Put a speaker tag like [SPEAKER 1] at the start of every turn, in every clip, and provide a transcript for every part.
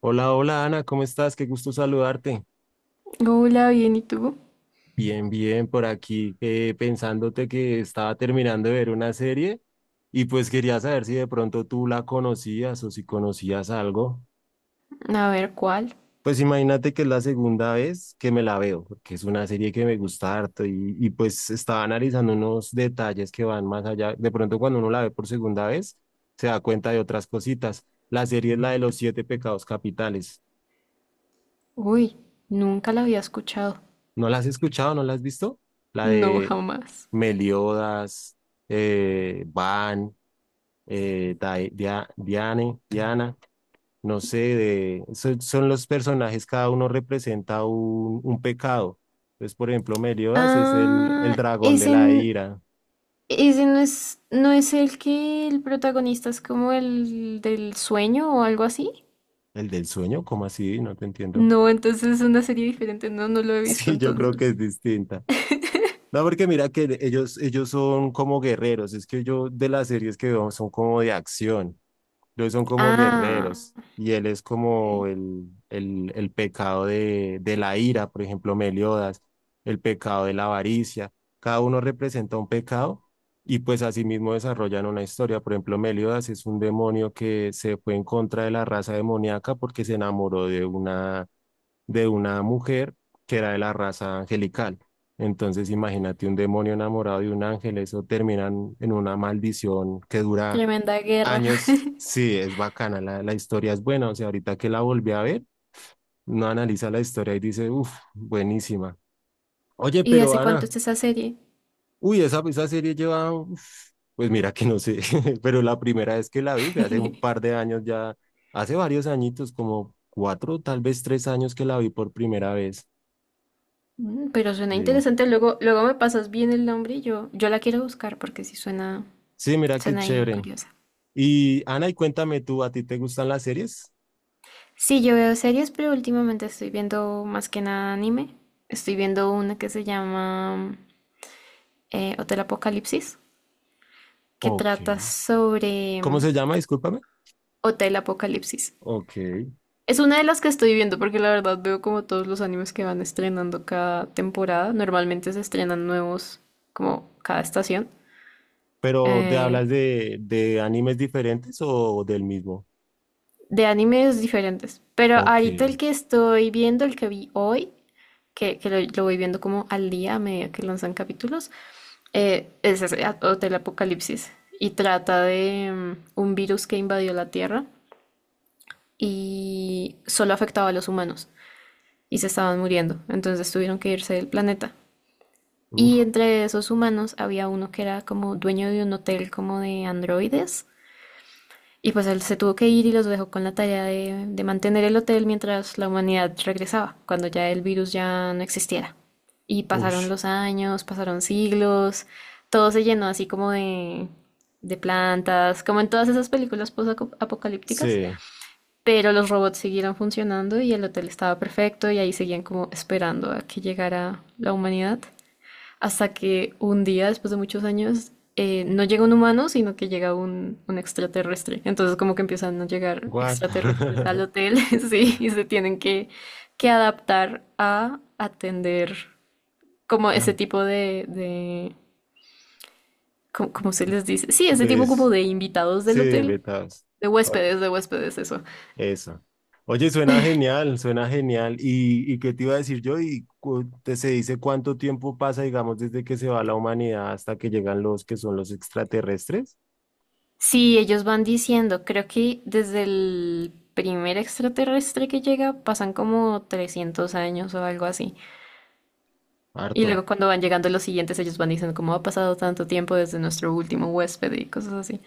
[SPEAKER 1] Hola, hola Ana, ¿cómo estás? Qué gusto saludarte.
[SPEAKER 2] Hola, bien, ¿y tú?
[SPEAKER 1] Bien, bien, por aquí pensándote que estaba terminando de ver una serie y pues quería saber si de pronto tú la conocías o si conocías algo.
[SPEAKER 2] A ver, ¿cuál?
[SPEAKER 1] Pues imagínate que es la segunda vez que me la veo, porque es una serie que me gusta harto y pues estaba analizando unos detalles que van más allá. De pronto cuando uno la ve por segunda vez, se da cuenta de otras cositas. La serie es la de los siete pecados capitales.
[SPEAKER 2] Uy, nunca la había escuchado.
[SPEAKER 1] ¿No la has escuchado? ¿No la has visto? La
[SPEAKER 2] No,
[SPEAKER 1] de...
[SPEAKER 2] jamás.
[SPEAKER 1] Meliodas, Van, Diane, Diana, no sé, son los personajes, cada uno representa un pecado. Entonces, por ejemplo, Meliodas es el
[SPEAKER 2] Ah,
[SPEAKER 1] dragón de
[SPEAKER 2] ese,
[SPEAKER 1] la ira,
[SPEAKER 2] ese no es, no es el que el protagonista es como el del sueño o algo así.
[SPEAKER 1] el del sueño, ¿cómo así? No te entiendo.
[SPEAKER 2] No, entonces es una serie diferente. No, no lo he visto
[SPEAKER 1] Sí, yo creo que
[SPEAKER 2] entonces.
[SPEAKER 1] es distinta. No, porque mira que ellos son como guerreros, es que yo de las series que veo son como de acción. Los son como
[SPEAKER 2] Ah,
[SPEAKER 1] guerreros y él es
[SPEAKER 2] ok.
[SPEAKER 1] como el pecado de la ira, por ejemplo, Meliodas, el pecado de la avaricia. Cada uno representa un pecado y pues asimismo desarrollan una historia. Por ejemplo, Meliodas es un demonio que se fue en contra de la raza demoníaca porque se enamoró de una mujer que era de la raza angelical. Entonces, imagínate un demonio enamorado de un ángel, eso terminan en una maldición que dura
[SPEAKER 2] Tremenda guerra.
[SPEAKER 1] años, sí, es bacana, la historia es buena, o sea, ahorita que la volví a ver, uno analiza la historia y dice, uff, buenísima. Oye,
[SPEAKER 2] ¿Y de
[SPEAKER 1] pero
[SPEAKER 2] hace cuánto
[SPEAKER 1] Ana,
[SPEAKER 2] está esa serie?
[SPEAKER 1] uy, esa serie lleva, uf, pues mira que no sé, pero la primera vez que la vi fue hace un par de años ya, hace varios añitos, como 4, tal vez 3 años que la vi por primera vez.
[SPEAKER 2] Mm, pero suena
[SPEAKER 1] Sí,
[SPEAKER 2] interesante. Luego, luego me pasas bien el nombre y yo la quiero buscar porque sí suena.
[SPEAKER 1] sí, mira qué
[SPEAKER 2] Suena ahí
[SPEAKER 1] chévere.
[SPEAKER 2] curiosa.
[SPEAKER 1] Y Ana, y cuéntame tú, ¿a ti te gustan las series?
[SPEAKER 2] Sí, yo veo series, pero últimamente estoy viendo más que nada anime. Estoy viendo una que se llama Hotel Apocalipsis, que
[SPEAKER 1] Ok.
[SPEAKER 2] trata sobre
[SPEAKER 1] ¿Cómo
[SPEAKER 2] mm.
[SPEAKER 1] se llama? Discúlpame.
[SPEAKER 2] Hotel Apocalipsis.
[SPEAKER 1] Ok.
[SPEAKER 2] Es una de las que estoy viendo porque la verdad veo como todos los animes que van estrenando cada temporada. Normalmente se estrenan nuevos como cada estación
[SPEAKER 1] Pero ¿te hablas
[SPEAKER 2] eh,
[SPEAKER 1] de animes diferentes o del mismo?
[SPEAKER 2] de animes diferentes. Pero
[SPEAKER 1] Ok.
[SPEAKER 2] ahorita el que estoy viendo, el que vi hoy, que lo voy viendo como al día a medida que lanzan capítulos, es ese, Hotel Apocalipsis y trata de mm, un virus que invadió la Tierra y solo afectaba a los humanos y se estaban muriendo, entonces tuvieron que irse del planeta. Y
[SPEAKER 1] Uf,
[SPEAKER 2] entre esos humanos había uno que era como dueño de un hotel como de androides. Y pues él se tuvo que ir y los dejó con la tarea de mantener el hotel mientras la humanidad regresaba, cuando ya el virus ya no existiera. Y pasaron
[SPEAKER 1] ush.
[SPEAKER 2] los años, pasaron siglos, todo se llenó así como de plantas, como en todas esas películas post-apocalípticas,
[SPEAKER 1] Sí.
[SPEAKER 2] pero los robots siguieron funcionando y el hotel estaba perfecto y ahí seguían como esperando a que llegara la humanidad. Hasta que un día, después de muchos años, no llega un humano, sino que llega un extraterrestre. Entonces como que empiezan a llegar
[SPEAKER 1] What?
[SPEAKER 2] extraterrestres al hotel, sí, y se tienen que adaptar a atender como ese
[SPEAKER 1] Ah,
[SPEAKER 2] tipo de ¿cómo, cómo se les dice? Sí, ese tipo como
[SPEAKER 1] Des,
[SPEAKER 2] de invitados
[SPEAKER 1] sí,
[SPEAKER 2] del
[SPEAKER 1] de
[SPEAKER 2] hotel,
[SPEAKER 1] invitados. Oye,
[SPEAKER 2] de huéspedes, eso.
[SPEAKER 1] eso. Oye, suena genial, suena genial. ¿Y qué te iba a decir yo? ¿Y se dice cuánto tiempo pasa, digamos, desde que se va la humanidad hasta que llegan los que son los extraterrestres?
[SPEAKER 2] Sí, ellos van diciendo, creo que desde el primer extraterrestre que llega pasan como 300 años o algo así. Y
[SPEAKER 1] Harto.
[SPEAKER 2] luego cuando van llegando los siguientes, ellos van diciendo como ha pasado tanto tiempo desde nuestro último huésped y cosas así.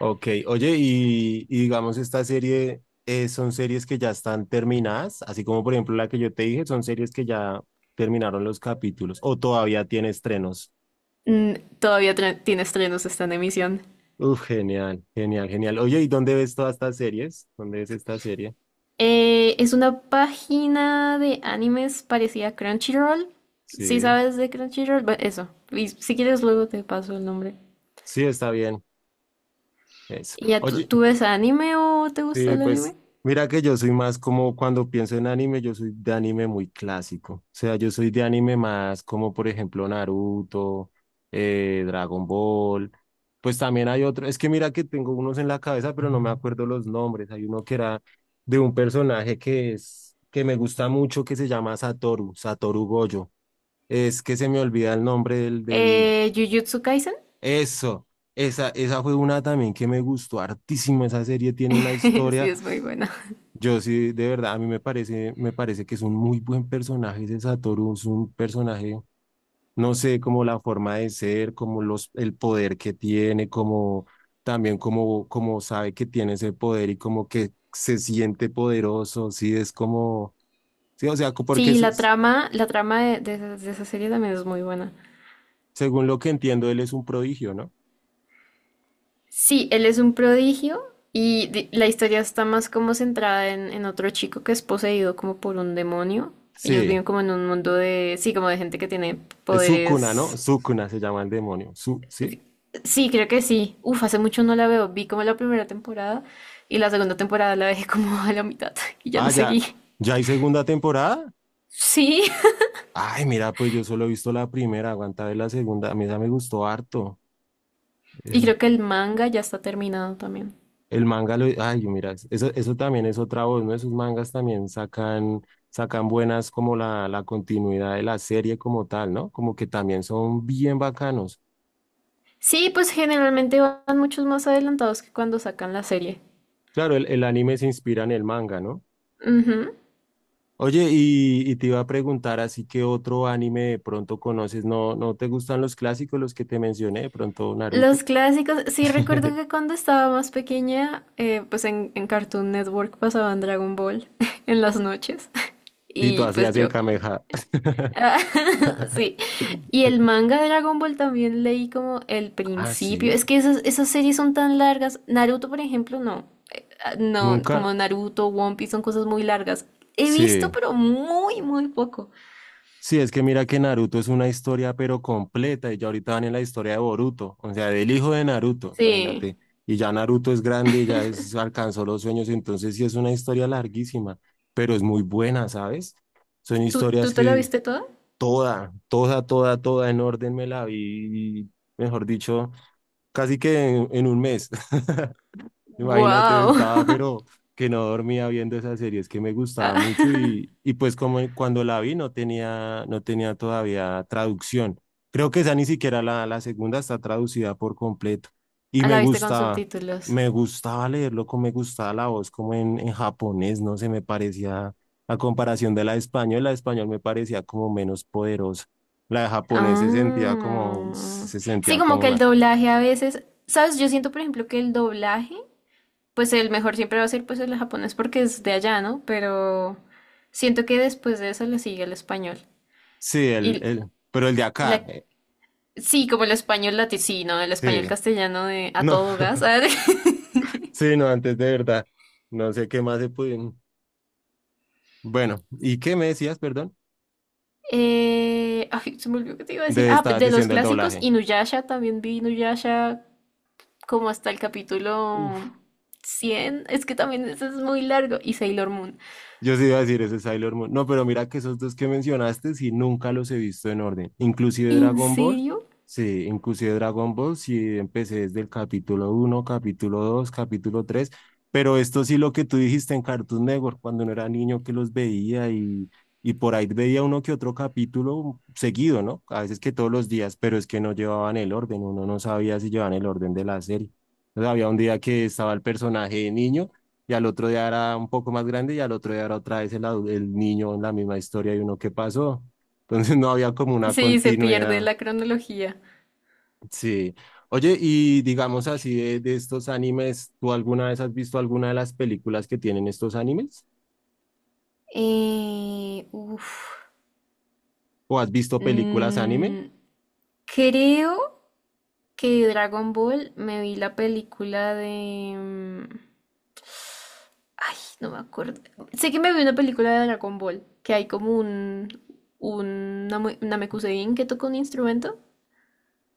[SPEAKER 1] Ok, oye, y digamos, esta serie son series que ya están terminadas, así como por ejemplo la que yo te dije, son series que ya terminaron los capítulos o todavía tiene estrenos.
[SPEAKER 2] Mm, tiene estrenos, está en emisión.
[SPEAKER 1] Uf, genial, genial, genial. Oye, ¿y dónde ves todas estas series? ¿Dónde ves esta serie?
[SPEAKER 2] Es una página de animes parecida a Crunchyroll. Si
[SPEAKER 1] Sí,
[SPEAKER 2] sabes de Crunchyroll, bueno, eso. Y si quieres luego te paso el nombre.
[SPEAKER 1] sí, está bien. Eso.
[SPEAKER 2] ¿Y ya tú,
[SPEAKER 1] Oye,
[SPEAKER 2] tú ves anime o te gusta
[SPEAKER 1] sí,
[SPEAKER 2] el
[SPEAKER 1] pues
[SPEAKER 2] anime?
[SPEAKER 1] mira que yo soy más como cuando pienso en anime, yo soy de anime muy clásico. O sea, yo soy de anime más como por ejemplo Naruto, Dragon Ball. Pues también hay otro, es que mira que tengo unos en la cabeza, pero no me acuerdo los nombres. Hay uno que era de un personaje que es que me gusta mucho que se llama Satoru Gojo. Es que se me olvida el nombre del...
[SPEAKER 2] Jujutsu Kaisen.
[SPEAKER 1] Eso, esa fue una también que me gustó hartísimo. Esa serie tiene una
[SPEAKER 2] Sí,
[SPEAKER 1] historia.
[SPEAKER 2] es muy buena.
[SPEAKER 1] Yo sí, de verdad, a mí me parece que es un muy buen personaje ese Satoru, es un personaje, no sé, como la forma de ser, como el poder que tiene, como también como sabe que tiene ese poder y como que se siente poderoso, sí, es como, sí, o sea, porque
[SPEAKER 2] Sí, y la trama de esa serie también es muy buena.
[SPEAKER 1] según lo que entiendo, él es un prodigio, ¿no?
[SPEAKER 2] Sí, él es un prodigio y la historia está más como centrada en otro chico que es poseído como por un demonio. Ellos
[SPEAKER 1] Sí,
[SPEAKER 2] viven como en un mundo de, sí, como de gente que tiene
[SPEAKER 1] es Sukuna, ¿no?
[SPEAKER 2] poderes.
[SPEAKER 1] Sukuna se llama el demonio, ¿sí?
[SPEAKER 2] Sí, creo que sí. Uf, hace mucho no la veo. Vi como la primera temporada y la segunda temporada la dejé como a la mitad y ya
[SPEAKER 1] Ah,
[SPEAKER 2] no
[SPEAKER 1] ya,
[SPEAKER 2] seguí.
[SPEAKER 1] ya hay segunda temporada.
[SPEAKER 2] Sí,
[SPEAKER 1] Ay, mira, pues yo solo he visto la primera, aguanta ver la segunda. A mí esa me gustó harto.
[SPEAKER 2] y
[SPEAKER 1] Eso.
[SPEAKER 2] creo que el manga ya está terminado también.
[SPEAKER 1] El manga lo. Ay, mira, eso también es otra voz, ¿no? Esos mangas también sacan, sacan buenas como la continuidad de la serie como tal, ¿no? Como que también son bien bacanos.
[SPEAKER 2] Sí, pues generalmente van muchos más adelantados que cuando sacan la serie.
[SPEAKER 1] Claro, el anime se inspira en el manga, ¿no?
[SPEAKER 2] Ujú.
[SPEAKER 1] Oye, y te iba a preguntar, así que otro anime de pronto conoces, ¿no, no te gustan los clásicos, los que te mencioné, de pronto Naruto?
[SPEAKER 2] Los clásicos, sí recuerdo que cuando estaba más pequeña, pues en Cartoon Network pasaban Dragon Ball en las noches.
[SPEAKER 1] Y tú
[SPEAKER 2] Y pues
[SPEAKER 1] hacías el
[SPEAKER 2] yo.
[SPEAKER 1] Kameha.
[SPEAKER 2] Ah, sí. Y el manga de Dragon Ball también leí como el
[SPEAKER 1] Ah,
[SPEAKER 2] principio.
[SPEAKER 1] sí.
[SPEAKER 2] Es que esas, esas series son tan largas. Naruto, por ejemplo, no. No,
[SPEAKER 1] Nunca.
[SPEAKER 2] como Naruto, One Piece son cosas muy largas. He visto,
[SPEAKER 1] Sí.
[SPEAKER 2] pero muy, muy poco.
[SPEAKER 1] Sí, es que mira que Naruto es una historia pero completa y ya ahorita van en la historia de Boruto, o sea, del hijo de Naruto,
[SPEAKER 2] Sí.
[SPEAKER 1] imagínate. Y ya Naruto es grande, ya es, alcanzó los sueños, entonces sí es una historia larguísima, pero es muy buena, ¿sabes? Son
[SPEAKER 2] ¿Tú,
[SPEAKER 1] historias
[SPEAKER 2] tú te la
[SPEAKER 1] que
[SPEAKER 2] viste toda?
[SPEAKER 1] toda, toda, toda, toda en orden me la vi, mejor dicho, casi que en un mes. Imagínate,
[SPEAKER 2] ¡Guau!
[SPEAKER 1] estaba, pero que no dormía viendo esa serie, es que me gustaba mucho
[SPEAKER 2] Ah,
[SPEAKER 1] y pues como cuando la vi no tenía todavía traducción. Creo que esa ni siquiera la segunda está traducida por completo. Y me
[SPEAKER 2] ¿La viste con
[SPEAKER 1] gustaba,
[SPEAKER 2] subtítulos?
[SPEAKER 1] me gustaba leerlo, como me gustaba la voz, como en japonés, no sé, me parecía, a comparación de la de español me parecía como menos poderosa. La de japonés se sentía como,
[SPEAKER 2] Ah.
[SPEAKER 1] se
[SPEAKER 2] Sí,
[SPEAKER 1] sentía
[SPEAKER 2] como
[SPEAKER 1] como
[SPEAKER 2] que el
[SPEAKER 1] una,
[SPEAKER 2] doblaje a veces, ¿sabes? Yo siento, por ejemplo, que el doblaje, pues el mejor siempre va a ser pues el japonés porque es de allá, ¿no? Pero siento que después de eso le sigue el español.
[SPEAKER 1] sí,
[SPEAKER 2] Y,
[SPEAKER 1] pero el de
[SPEAKER 2] y
[SPEAKER 1] acá,
[SPEAKER 2] la... Sí, como el español latino, el español
[SPEAKER 1] sí.
[SPEAKER 2] castellano de a
[SPEAKER 1] No,
[SPEAKER 2] todo gas.
[SPEAKER 1] sí, no, antes de verdad. No sé qué más se pueden. Bueno, ¿y qué me decías, perdón?
[SPEAKER 2] Ay, se me olvidó que te iba a decir.
[SPEAKER 1] De
[SPEAKER 2] Ah,
[SPEAKER 1] estar
[SPEAKER 2] de los
[SPEAKER 1] diciendo el
[SPEAKER 2] clásicos,
[SPEAKER 1] doblaje.
[SPEAKER 2] Inuyasha, también vi Inuyasha como hasta el capítulo
[SPEAKER 1] Uf.
[SPEAKER 2] 100. Es que también ese es muy largo. Y Sailor Moon.
[SPEAKER 1] Yo sí iba a decir ese es Sailor Moon. No, pero mira que esos dos que mencionaste, sí, nunca los he visto en orden. Inclusive
[SPEAKER 2] ¿En
[SPEAKER 1] Dragon Ball,
[SPEAKER 2] serio?
[SPEAKER 1] sí, inclusive Dragon Ball, sí, empecé desde el capítulo uno capítulo 2 capítulo 3 pero esto sí lo que tú dijiste en Cartoon Network, cuando no era niño que los veía y por ahí veía uno que otro capítulo seguido, ¿no? A veces que todos los días, pero es que no llevaban el orden, uno no sabía si llevaban el orden de la serie. Entonces, había un día que estaba el personaje de niño y al otro día era un poco más grande y al otro día era otra vez el niño, la misma historia y uno, ¿qué pasó? Entonces no había como una
[SPEAKER 2] Sí, se pierde
[SPEAKER 1] continuidad.
[SPEAKER 2] la cronología.
[SPEAKER 1] Sí. Oye, y digamos así de estos animes, ¿tú alguna vez has visto alguna de las películas que tienen estos animes?
[SPEAKER 2] Uf.
[SPEAKER 1] ¿O has visto películas anime?
[SPEAKER 2] Mm, creo que Dragon Ball me vi la película de... mm, ay, no me acuerdo. Sé que me vi una película de Dragon Ball, que hay como un Namekusein que toca un instrumento.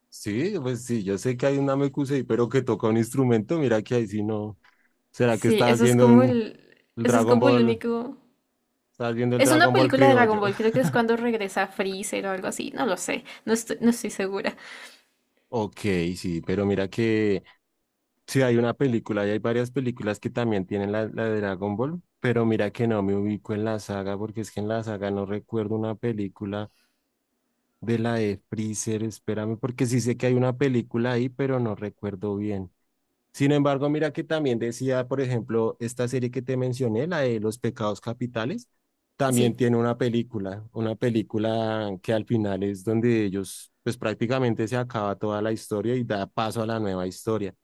[SPEAKER 1] Sí, pues sí, yo sé que hay un Namekusei, pero que toca un instrumento, mira que ahí sí no. ¿Será que
[SPEAKER 2] Sí,
[SPEAKER 1] estabas
[SPEAKER 2] eso es
[SPEAKER 1] viendo
[SPEAKER 2] como el...
[SPEAKER 1] el
[SPEAKER 2] Eso es
[SPEAKER 1] Dragon
[SPEAKER 2] como el
[SPEAKER 1] Ball?
[SPEAKER 2] único...
[SPEAKER 1] Estabas viendo el
[SPEAKER 2] Es una
[SPEAKER 1] Dragon Ball
[SPEAKER 2] película de Dragon
[SPEAKER 1] criollo.
[SPEAKER 2] Ball, creo que es cuando regresa Freezer o algo así, no lo sé, no estoy, no estoy segura.
[SPEAKER 1] Ok, sí, pero mira que sí, hay una película y hay varias películas que también tienen la de Dragon Ball, pero mira que no me ubico en la saga porque es que en la saga no recuerdo una película de la de Freezer, espérame, porque sí sé que hay una película ahí, pero no recuerdo bien. Sin embargo, mira que también decía, por ejemplo, esta serie que te mencioné, la de Los Pecados Capitales, también
[SPEAKER 2] Sí.
[SPEAKER 1] tiene una película que al final es donde ellos, pues prácticamente se acaba toda la historia y da paso a la nueva historia,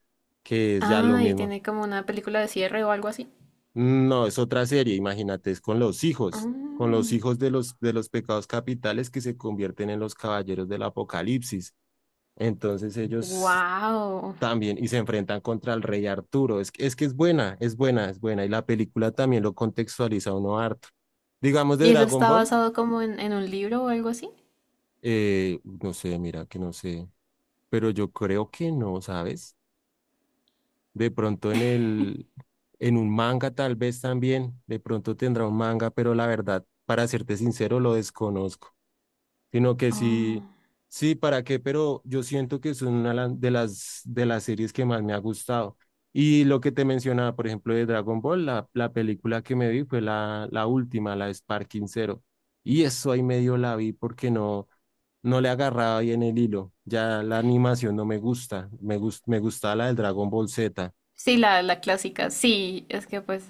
[SPEAKER 1] que es ya lo
[SPEAKER 2] Ah, y
[SPEAKER 1] mismo.
[SPEAKER 2] tiene como una película de cierre o algo así.
[SPEAKER 1] No, es otra serie, imagínate, es con los hijos de los pecados capitales que se convierten en los caballeros del Apocalipsis. Entonces ellos
[SPEAKER 2] Wow.
[SPEAKER 1] también y se enfrentan contra el rey Arturo. Es que es buena, es buena, es buena. Y la película también lo contextualiza a uno harto. Digamos de
[SPEAKER 2] ¿Y eso
[SPEAKER 1] Dragon
[SPEAKER 2] está
[SPEAKER 1] Ball,
[SPEAKER 2] basado como en un libro o algo así?
[SPEAKER 1] no sé, mira que no sé, pero yo creo que no, ¿sabes? De pronto en un manga tal vez también, de pronto tendrá un manga, pero la verdad, para serte sincero, lo desconozco. Sino que sí,
[SPEAKER 2] Oh.
[SPEAKER 1] sí, ¿para qué? Pero yo siento que es una de las series que más me ha gustado. Y lo que te mencionaba, por ejemplo, de Dragon Ball, la película que me vi fue la última, la de Sparking Zero. Y eso ahí medio la vi porque no, no le agarraba bien el hilo. Ya la animación no me gusta, me gustaba la del Dragon Ball Z.
[SPEAKER 2] Sí, la clásica. Sí, es que pues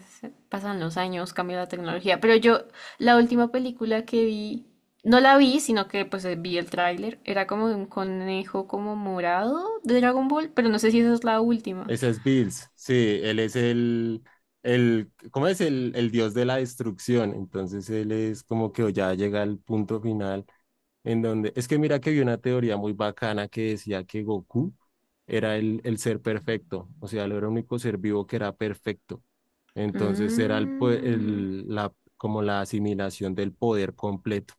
[SPEAKER 2] pasan los años, cambia la tecnología. Pero yo, la última película que vi, no la vi, sino que pues vi el tráiler. Era como de un conejo como morado de Dragon Ball, pero no sé si esa es la última.
[SPEAKER 1] Ese es Bills, sí, él es el ¿cómo es? El dios de la destrucción. Entonces él es como que ya llega al punto final en donde, es que mira que vi una teoría muy bacana que decía que Goku era el ser perfecto, o sea, él era el único ser vivo que era perfecto. Entonces era el, po-
[SPEAKER 2] Mm,
[SPEAKER 1] el- la, como la asimilación del poder completo.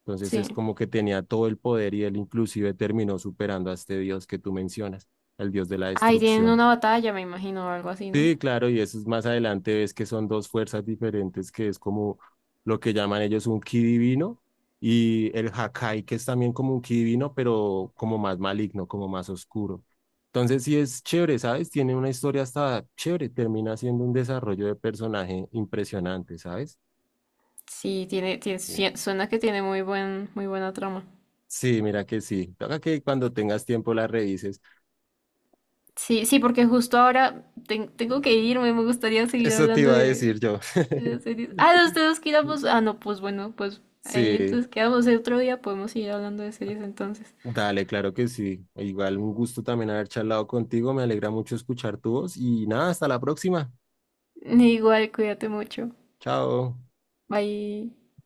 [SPEAKER 1] Entonces es
[SPEAKER 2] sí.
[SPEAKER 1] como que tenía todo el poder y él inclusive terminó superando a este dios que tú mencionas, el dios de la
[SPEAKER 2] Ahí tienen
[SPEAKER 1] destrucción.
[SPEAKER 2] una batalla, me imagino, o algo así, ¿no?
[SPEAKER 1] Sí, claro, y eso es más adelante, ves que son dos fuerzas diferentes, que es como lo que llaman ellos un ki divino y el Hakai, que es también como un ki divino, pero como más maligno, como más oscuro. Entonces sí es chévere, ¿sabes? Tiene una historia hasta chévere, termina siendo un desarrollo de personaje impresionante, ¿sabes?
[SPEAKER 2] Sí,
[SPEAKER 1] Sí,
[SPEAKER 2] suena que tiene muy muy buena trama.
[SPEAKER 1] sí, mira que sí. Toca que cuando tengas tiempo la revises.
[SPEAKER 2] Sí, sí, porque justo ahora tengo que irme, me gustaría seguir
[SPEAKER 1] Eso te
[SPEAKER 2] hablando
[SPEAKER 1] iba a decir yo.
[SPEAKER 2] de las series. Ah, los dos quedamos. Ah, no, pues bueno, pues ahí
[SPEAKER 1] Sí.
[SPEAKER 2] entonces quedamos. El otro día podemos seguir hablando de series entonces.
[SPEAKER 1] Dale, claro que sí. Igual un gusto también haber charlado contigo. Me alegra mucho escuchar tu voz y nada, hasta la próxima.
[SPEAKER 2] Igual, cuídate mucho.
[SPEAKER 1] Chao.
[SPEAKER 2] Bye.